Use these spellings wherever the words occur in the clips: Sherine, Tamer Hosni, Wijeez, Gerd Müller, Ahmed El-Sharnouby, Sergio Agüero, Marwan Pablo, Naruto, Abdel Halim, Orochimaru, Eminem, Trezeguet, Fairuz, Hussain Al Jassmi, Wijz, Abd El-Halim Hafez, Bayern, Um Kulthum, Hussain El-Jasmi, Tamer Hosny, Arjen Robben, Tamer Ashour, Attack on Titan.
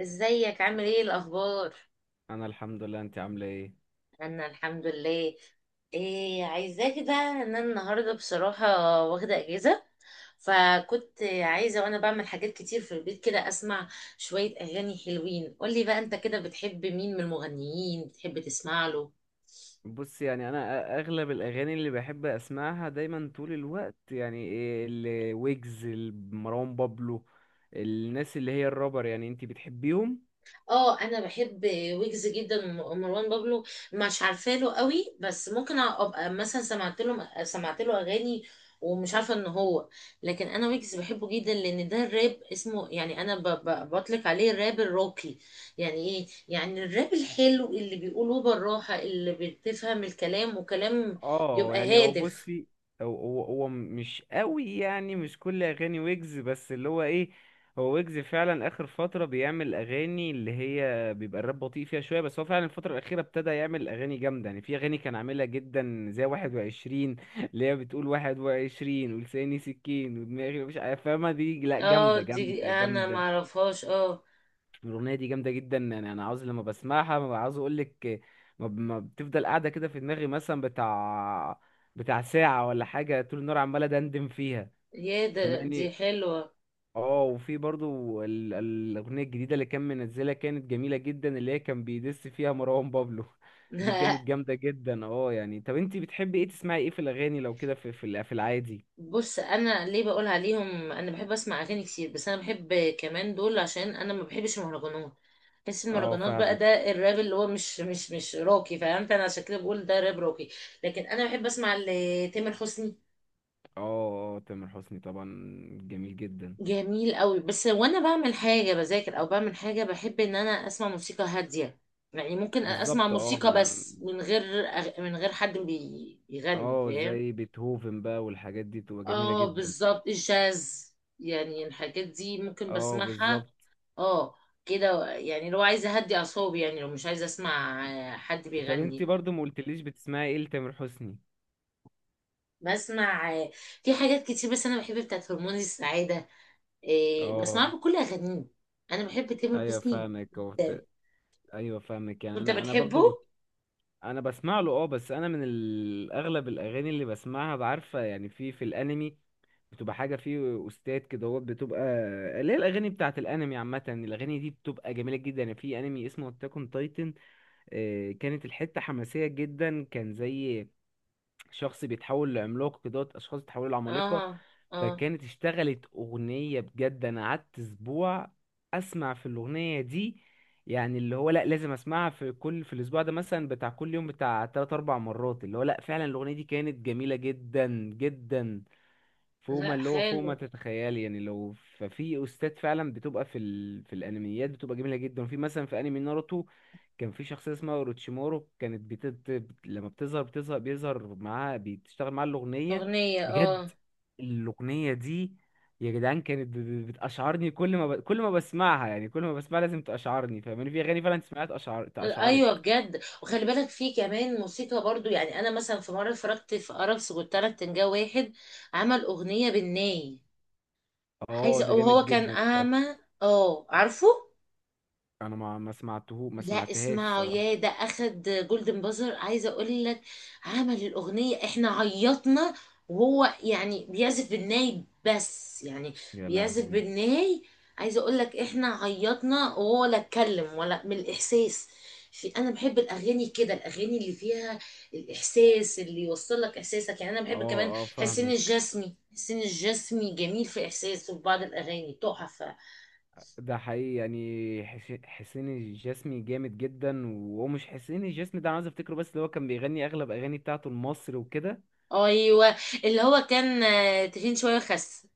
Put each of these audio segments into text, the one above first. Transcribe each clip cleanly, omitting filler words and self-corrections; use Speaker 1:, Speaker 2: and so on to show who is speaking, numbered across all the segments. Speaker 1: ازيك؟ عامل ايه؟ الاخبار؟
Speaker 2: انا الحمد لله، انت عامله ايه؟
Speaker 1: انا الحمد لله. إيه عايزاك ده؟ ان انا النهارده بصراحه واخده اجازه. فكنت عايزه وانا بعمل حاجات كتير في البيت كده اسمع شويه اغاني حلوين. قولي بقى، انت كده بتحب مين من المغنيين؟ بتحب تسمع له؟
Speaker 2: بص، يعني انا اغلب الاغاني اللي بحب اسمعها دايما طول الوقت، يعني ايه الويجز، مروان بابلو، الناس اللي هي الرابر، يعني انت بتحبيهم؟
Speaker 1: اه، انا بحب ويجز جدا ومروان بابلو. مش عارفه له قوي، بس ممكن ابقى مثلا سمعت له اغاني. ومش عارفه ان هو، لكن انا ويجز بحبه جدا لان ده الراب اسمه، يعني انا بطلق عليه الراب الراقي. يعني ايه؟ يعني الراب الحلو اللي بيقولوه بالراحه اللي بتفهم الكلام وكلام.
Speaker 2: اه
Speaker 1: يبقى
Speaker 2: يعني هو،
Speaker 1: هادف.
Speaker 2: بصي، هو مش قوي، يعني مش كل اغاني ويجز، بس اللي هو ايه، هو ويجز فعلا اخر فتره بيعمل اغاني اللي هي بيبقى الراب بطيء فيها شويه، بس هو فعلا الفتره الاخيره ابتدى يعمل اغاني جامده، يعني في اغاني كان عاملها جدا زي 21، اللي هي بتقول 21 ولساني سكين ودماغي مش عارف- فاهمه دي؟ لا،
Speaker 1: اه،
Speaker 2: جامده
Speaker 1: دي
Speaker 2: جامده
Speaker 1: انا
Speaker 2: جامده.
Speaker 1: معرفهاش، اه.
Speaker 2: الأغنية دي جامدة جدا، يعني أنا عاوز لما بسمعها ما عاوز أقولك، ما بتفضل قاعدة كده في دماغي، مثلا بتاع ساعة ولا حاجة، طول النهار عمال أدندن فيها،
Speaker 1: يا ده دي
Speaker 2: فماني.
Speaker 1: حلوه.
Speaker 2: اه، وفي برضو الأغنية الجديدة اللي كان منزلها كانت جميلة جدا، اللي هي كان بيدس فيها مروان بابلو دي كانت جامدة جدا. اه يعني، طب انتي بتحبي ايه، تسمعي ايه في الأغاني لو كده، في في العادي؟
Speaker 1: بص، انا ليه بقول عليهم؟ انا بحب اسمع اغاني كتير، بس انا بحب كمان دول عشان انا ما بحبش المهرجانات. بحس
Speaker 2: اه
Speaker 1: المهرجانات بقى
Speaker 2: فاهمك.
Speaker 1: ده الراب اللي هو مش روكي، فهمت؟ انا عشان كده بقول ده راب روكي. لكن انا بحب اسمع تامر حسني.
Speaker 2: اه اه، تامر حسني طبعا، جميل جدا.
Speaker 1: جميل قوي. بس وانا بعمل حاجه بذاكر او بعمل حاجه، بحب ان انا اسمع موسيقى هاديه. يعني ممكن اسمع
Speaker 2: بالظبط، اه
Speaker 1: موسيقى،
Speaker 2: ما،
Speaker 1: بس من غير من غير حد بيغني،
Speaker 2: اه
Speaker 1: فاهم؟
Speaker 2: زي بيتهوفن بقى والحاجات دي بتبقى جميلة
Speaker 1: اه،
Speaker 2: جدا.
Speaker 1: بالظبط الجاز. يعني الحاجات دي ممكن
Speaker 2: اه
Speaker 1: بسمعها.
Speaker 2: بالظبط.
Speaker 1: اه. كده يعني، لو عايزه اهدي اعصابي، يعني لو مش عايزه اسمع حد
Speaker 2: طب انت
Speaker 1: بيغني.
Speaker 2: برضو ما قلتليش بتسمعي ايه لتامر حسني؟
Speaker 1: بسمع. في حاجات كتير، بس انا بحب بتاعت هرمون السعاده.
Speaker 2: اه.
Speaker 1: بسمعها بكل اغانيه. انا بحب تامر
Speaker 2: ايوه
Speaker 1: حسني
Speaker 2: فاهمك
Speaker 1: جدا.
Speaker 2: ايوه فاهمك، يعني
Speaker 1: وانت
Speaker 2: انا برضو
Speaker 1: بتحبه؟
Speaker 2: انا بسمع له اه، بس انا من اغلب الاغاني اللي بسمعها بعارفه، يعني في في الانمي بتبقى حاجه، فيه استاذ كده هو بتبقى، اللي هي الاغاني بتاعه الانمي عامه الاغاني دي بتبقى جميله جدا. يعني في انمي اسمه اتاك اون تايتن، كانت الحته حماسيه جدا، كان زي شخص بيتحول لعملاق كده، اشخاص بيتحولوا لعمالقه.
Speaker 1: اه، اه.
Speaker 2: فكانت اشتغلت اغنيه، بجد انا قعدت اسبوع اسمع في الاغنيه دي، يعني اللي هو لا لازم اسمعها في كل في الاسبوع ده، مثلا بتاع كل يوم بتاع 3 4 مرات، اللي هو لا، فعلا الاغنيه دي كانت جميله جدا جدا، فوق ما
Speaker 1: لا
Speaker 2: اللي هو فوق ما
Speaker 1: حلو.
Speaker 2: تتخيلي. يعني لو ففي استاذ فعلا بتبقى في في الانميات بتبقى جميله جدا. وفي مثلا في انمي ناروتو، كان في شخصيه اسمها اوروتشيمورو، كانت لما بتظهر بتظهر بيظهر معاها، بتشتغل معاها الاغنيه،
Speaker 1: اغنيه،
Speaker 2: بجد
Speaker 1: اه.
Speaker 2: الاغنيه دي يا جدعان، كانت بتأشعرني كل ما كل ما بسمعها، يعني كل ما بسمعها لازم تأشعرني، فاهماني؟ في اغاني فعلا سمعت تأشعرك.
Speaker 1: ايوه، بجد. وخلي بالك في كمان موسيقى برضو، يعني انا مثلا في مره اتفرجت في ارابس قلت لك، تنجا واحد عمل اغنيه بالناي.
Speaker 2: اه ده
Speaker 1: عايزه،
Speaker 2: جامد
Speaker 1: وهو كان
Speaker 2: جدا ده،
Speaker 1: اعمى. اه، عارفه.
Speaker 2: انا ما
Speaker 1: لا
Speaker 2: سمعتهاش
Speaker 1: اسمعوا،
Speaker 2: الصراحه،
Speaker 1: يا ده اخد جولدن بازر. عايزه اقول لك، عمل الاغنيه احنا عيطنا. وهو يعني بيعزف بالناي، بس يعني
Speaker 2: يا
Speaker 1: بيعزف
Speaker 2: لهوي.
Speaker 1: بالناي. عايزه اقول لك، احنا عيطنا وهو لا اتكلم، ولا من الاحساس. في، انا بحب الاغاني كده، الاغاني اللي فيها الاحساس اللي يوصل لك احساسك. يعني انا
Speaker 2: اه
Speaker 1: بحب كمان
Speaker 2: اه
Speaker 1: حسين
Speaker 2: فاهمك.
Speaker 1: الجسمي حسين الجسمي جميل في احساسه، في بعض الاغاني تحفه.
Speaker 2: ده حقيقي، يعني حسين الجسمي جامد جدا، وهو مش حسين الجسمي ده، انا عايز افتكره، بس اللي هو كان بيغني اغلب اغاني بتاعته لمصر وكده.
Speaker 1: ايوه، اللي هو كان تخين شويه وخس.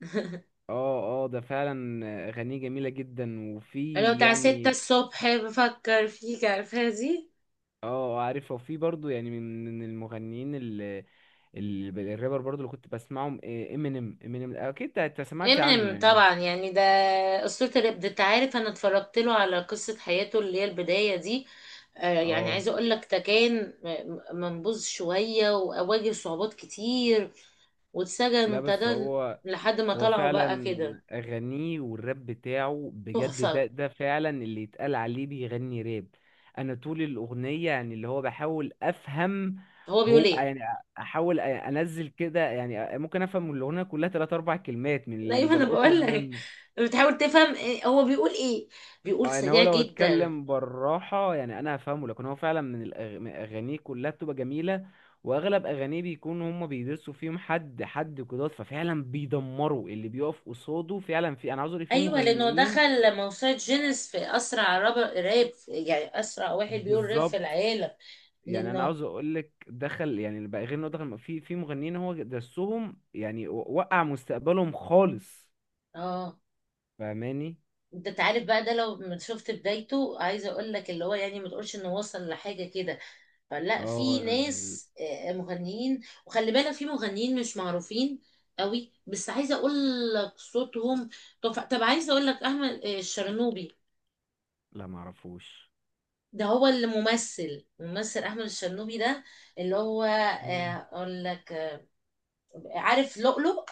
Speaker 2: اه اه، ده فعلا اغانيه جميلة جدا،
Speaker 1: لو
Speaker 2: وفي
Speaker 1: بتاع ستة
Speaker 2: يعني
Speaker 1: الصبح بفكر فيك، عارفها دي؟
Speaker 2: اه عارف. وفي برضو، يعني من المغنيين اللي الرابر برضو اللي كنت بسمعهم، امينيم، امينيم اكيد انت سمعت عنه،
Speaker 1: امينيم
Speaker 2: يعني
Speaker 1: طبعا، يعني ده أسطورة الراب. ده انت عارف، انا اتفرجت له على قصة حياته اللي هي البداية دي. يعني
Speaker 2: اه.
Speaker 1: عايزة اقول لك ده كان منبوذ شوية وأواجه صعوبات كتير، واتسجن
Speaker 2: لا بس
Speaker 1: وابتدى
Speaker 2: هو،
Speaker 1: لحد ما
Speaker 2: هو
Speaker 1: طلعوا
Speaker 2: فعلا
Speaker 1: بقى كده.
Speaker 2: أغانيه والراب بتاعه بجد ده
Speaker 1: تحفة.
Speaker 2: ده فعلا اللي يتقال عليه بيغني راب. أنا طول الأغنية، يعني اللي هو بحاول أفهم
Speaker 1: هو بيقول
Speaker 2: هو
Speaker 1: ايه؟
Speaker 2: يعني، أنزل كده، يعني ممكن أفهم الأغنية كلها تلات أربع كلمات من اللي
Speaker 1: دايما انا
Speaker 2: بلقطهم
Speaker 1: بقول لك،
Speaker 2: منه.
Speaker 1: بتحاول تفهم هو بيقول ايه؟ بيقول
Speaker 2: اه يعني هو
Speaker 1: سريع
Speaker 2: لو
Speaker 1: جدا.
Speaker 2: اتكلم بالراحة يعني انا هفهمه، لكن هو فعلا من من اغانيه كلها بتبقى جميلة. واغلب اغانيه بيكون هما بيدرسوا فيهم حد قدرات، ففعلا بيدمروا اللي بيقف قصاده، فعلا في انا عاوز اقول في
Speaker 1: ايوه، لانه
Speaker 2: مغنيين.
Speaker 1: دخل موسوعه جينيس في اسرع راب، يعني اسرع واحد بيقول راب في
Speaker 2: بالظبط،
Speaker 1: العالم.
Speaker 2: يعني انا
Speaker 1: لانه،
Speaker 2: عاوز اقول لك دخل، يعني بقى غير انه دخل في في مغنيين هو درسهم، يعني وقع مستقبلهم خالص،
Speaker 1: اه.
Speaker 2: فاهماني؟
Speaker 1: انت تعرف بقى ده لو شفت بدايته، عايزه اقول لك اللي هو يعني ما تقولش انه وصل لحاجه كده. فلا،
Speaker 2: اه
Speaker 1: في
Speaker 2: يعني.
Speaker 1: ناس مغنيين، وخلي بالك في مغنيين مش معروفين قوي. بس عايزه اقول لك صوتهم. طب عايزه اقول لك احمد الشرنوبي.
Speaker 2: لا معرفوش.
Speaker 1: ده هو اللي ممثل احمد الشرنوبي، ده اللي هو
Speaker 2: مم.
Speaker 1: اقول لك، عارف لؤلؤ؟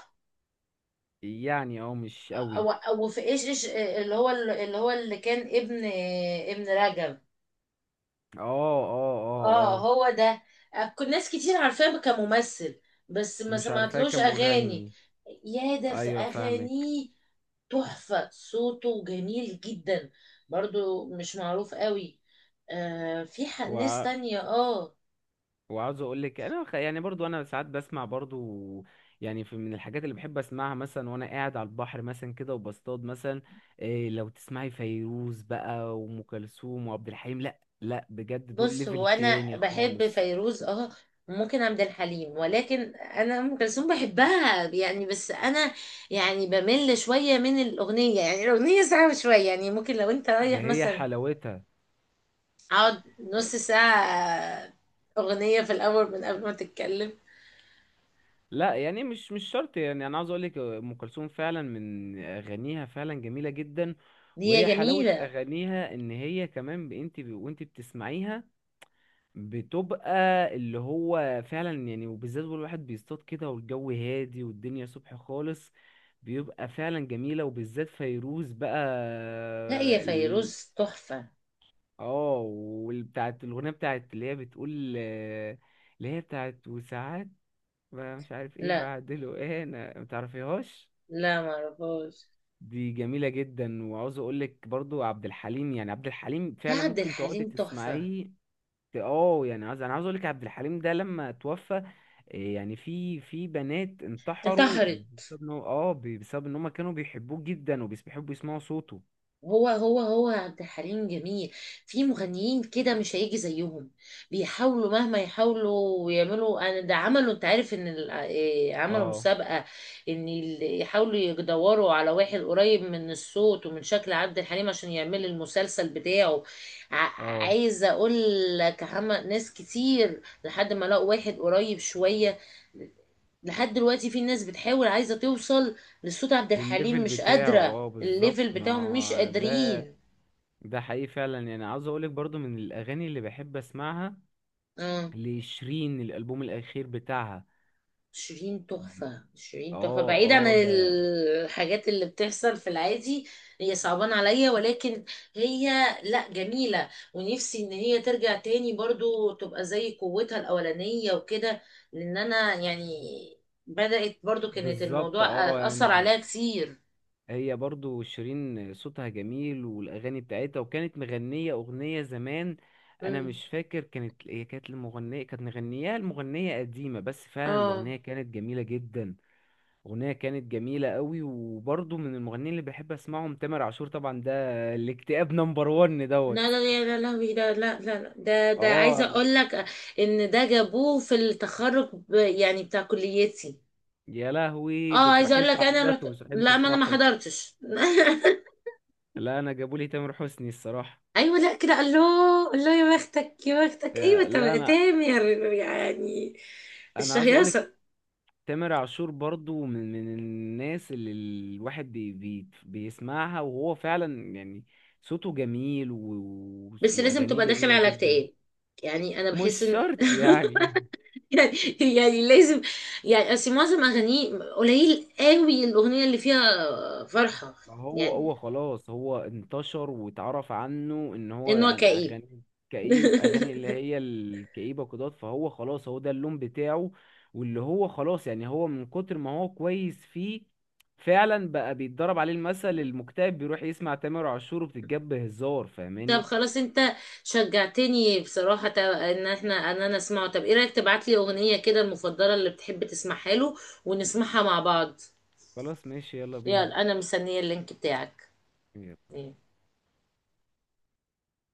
Speaker 2: يعني اه مش قوي.
Speaker 1: او في ايش اللي هو اللي كان ابن ابن رجب.
Speaker 2: اه اه اه.
Speaker 1: اه،
Speaker 2: اه
Speaker 1: هو ده. كل ناس كتير عارفاه كممثل، بس ما
Speaker 2: مش عارفاه
Speaker 1: سمعتلوش اغاني.
Speaker 2: كمغني.
Speaker 1: يا ده في
Speaker 2: ايوه فاهمك
Speaker 1: اغانيه تحفة، صوته جميل جدا. برضو مش معروف قوي. في ناس
Speaker 2: وع...
Speaker 1: تانية، اه.
Speaker 2: وعاوز اقول لك، انا يعني برضو انا ساعات بسمع برضو، يعني في من الحاجات اللي بحب اسمعها مثلا وانا قاعد على البحر مثلا كده وبصطاد مثلا، إيه لو تسمعي فيروز بقى وام كلثوم وعبد الحليم، لا لا بجد دول
Speaker 1: بص، هو
Speaker 2: ليفل
Speaker 1: انا
Speaker 2: تاني
Speaker 1: بحب
Speaker 2: خالص،
Speaker 1: فيروز، اه. وممكن عبد الحليم، ولكن انا ام كلثوم بحبها يعني، بس انا يعني بمل شويه من الاغنيه، يعني الاغنيه ساعه شويه، يعني ممكن لو انت
Speaker 2: ده
Speaker 1: رايح
Speaker 2: هي
Speaker 1: مثلا
Speaker 2: حلاوتها.
Speaker 1: اقعد نص ساعه اغنيه في الاول من قبل ما تتكلم.
Speaker 2: لا يعني مش شرط، يعني انا عاوز اقول لك ام كلثوم فعلا من اغانيها فعلا جميله جدا.
Speaker 1: هي
Speaker 2: وهي حلاوه
Speaker 1: جميله.
Speaker 2: اغانيها ان هي كمان وانت بتسمعيها بتبقى اللي هو فعلا يعني، وبالذات والواحد بيصطاد كده والجو هادي والدنيا صبح خالص، بيبقى فعلا جميله. وبالذات فيروز بقى
Speaker 1: لا، هي فيروز تحفه.
Speaker 2: اه، والبتاعت الاغنيه بتاعت اللي هي بتقول اللي هي بتاعت وساعات بقى مش عارف ايه
Speaker 1: لا،
Speaker 2: بعدله ايه، انا ما تعرفيهاش،
Speaker 1: لا ما اعرفهاش.
Speaker 2: دي جميلة جدا. وعاوز اقول لك برضو عبد الحليم، يعني عبد الحليم
Speaker 1: لا،
Speaker 2: فعلا
Speaker 1: عبد
Speaker 2: ممكن تقعدي
Speaker 1: الحليم تحفه.
Speaker 2: تسمعيه. اه يعني، عاوز اقول لك عبد الحليم ده لما توفى، إيه يعني في في بنات انتحروا
Speaker 1: انتحر؟
Speaker 2: بسبب ان هو، اه بسبب ان هم كانوا بيحبوه جدا وبيحبوا يسمعوا صوته.
Speaker 1: هو عبد الحليم جميل. في مغنيين كده مش هيجي زيهم. بيحاولوا مهما يحاولوا ويعملوا، انا ده عملوا، انت عارف ان ال- إيه، عملوا
Speaker 2: اه
Speaker 1: مسابقة ان يحاولوا يدوروا على واحد قريب من الصوت ومن شكل عبد الحليم عشان يعمل المسلسل بتاعه. ع-
Speaker 2: اه،
Speaker 1: عايزة اقول لك عمل ناس كتير لحد ما لقوا واحد قريب شوية. لحد دلوقتي في ناس بتحاول عايزة توصل لصوت عبد الحليم
Speaker 2: للليفل
Speaker 1: مش
Speaker 2: بتاعه،
Speaker 1: قادرة،
Speaker 2: اه بالظبط،
Speaker 1: الليفل
Speaker 2: ما
Speaker 1: بتاعهم مش
Speaker 2: هو ده،
Speaker 1: قادرين.
Speaker 2: ده حقيقي فعلا. يعني عاوز اقول لك برضو من الاغاني اللي بحب اسمعها
Speaker 1: اه،
Speaker 2: لشيرين، الالبوم الاخير بتاعها.
Speaker 1: شيرين تحفة، شيرين تحفة،
Speaker 2: اه
Speaker 1: بعيد عن
Speaker 2: اه ده
Speaker 1: الحاجات اللي بتحصل في العادي. هي صعبان عليا، ولكن هي، لا جميلة، ونفسي ان هي ترجع تاني برضو تبقى زي قوتها الاولانية وكده. لان انا يعني بدأت برضو كانت
Speaker 2: بالظبط.
Speaker 1: الموضوع
Speaker 2: اه
Speaker 1: اثر عليها
Speaker 2: يعني،
Speaker 1: كتير.
Speaker 2: هي برضو شيرين صوتها جميل والاغاني بتاعتها، وكانت مغنيه اغنيه زمان، انا
Speaker 1: مم.
Speaker 2: مش فاكر كانت هي كانت المغنيه كانت مغنياها المغنيه قديمه، بس فعلا
Speaker 1: اه،
Speaker 2: الاغنيه كانت جميله جدا، اغنيه كانت جميله قوي. وبرضو من المغنيين اللي بحب اسمعهم تامر عاشور طبعا، ده الاكتئاب نمبر 1 دوت.
Speaker 1: لا، لا، يا لا لهوي ده، لا، لا، لا، ده
Speaker 2: اه،
Speaker 1: عايزه اقول لك ان ده جابوه في التخرج يعني بتاع كليتي.
Speaker 2: يا لهوي ده،
Speaker 1: اه، عايزه اقول
Speaker 2: تروحين
Speaker 1: لك انا رحت.
Speaker 2: تعيطوا مش رايحين
Speaker 1: لا، ما انا ما
Speaker 2: تفرحوا.
Speaker 1: حضرتش.
Speaker 2: لا انا جابوا لي تامر حسني الصراحه.
Speaker 1: ايوه، لا كده الله الله يا بختك يا بختك، ايوه
Speaker 2: آه، لا انا
Speaker 1: تامر يعني
Speaker 2: انا عاوز اقول لك
Speaker 1: الشهيصه.
Speaker 2: تامر عاشور برضو من الناس اللي الواحد بي بي بيسمعها، وهو فعلا يعني صوته جميل
Speaker 1: بس لازم
Speaker 2: واغانيه
Speaker 1: تبقى داخل
Speaker 2: جميله
Speaker 1: على
Speaker 2: جدا.
Speaker 1: اكتئاب. يعني انا بحس
Speaker 2: مش
Speaker 1: ان
Speaker 2: شرط، يعني
Speaker 1: يعني، يعني لازم، يعني اصل معظم اغانيه، قليل قوي الاغنيه اللي فيها فرحه.
Speaker 2: ما هو
Speaker 1: يعني
Speaker 2: هو خلاص، هو انتشر واتعرف عنه ان هو
Speaker 1: ان هو
Speaker 2: يعني
Speaker 1: كئيب.
Speaker 2: اغاني كئيب، اغاني اللي هي الكئيبه كده، فهو خلاص هو ده اللون بتاعه، واللي هو خلاص يعني هو من كتر ما هو كويس فيه فعلا بقى بيتضرب عليه المثل، المكتئب بيروح يسمع تامر عاشور وبتتجاب هزار،
Speaker 1: طب
Speaker 2: فاهماني؟
Speaker 1: خلاص، انت شجعتني بصراحة ان احنا ان انا اسمعه. طب ايه رأيك تبعتلي اغنية كده المفضلة اللي بتحب تسمعها له ونسمعها مع بعض؟
Speaker 2: خلاص ماشي، يلا بينا.
Speaker 1: يلا، انا مستنية اللينك بتاعك.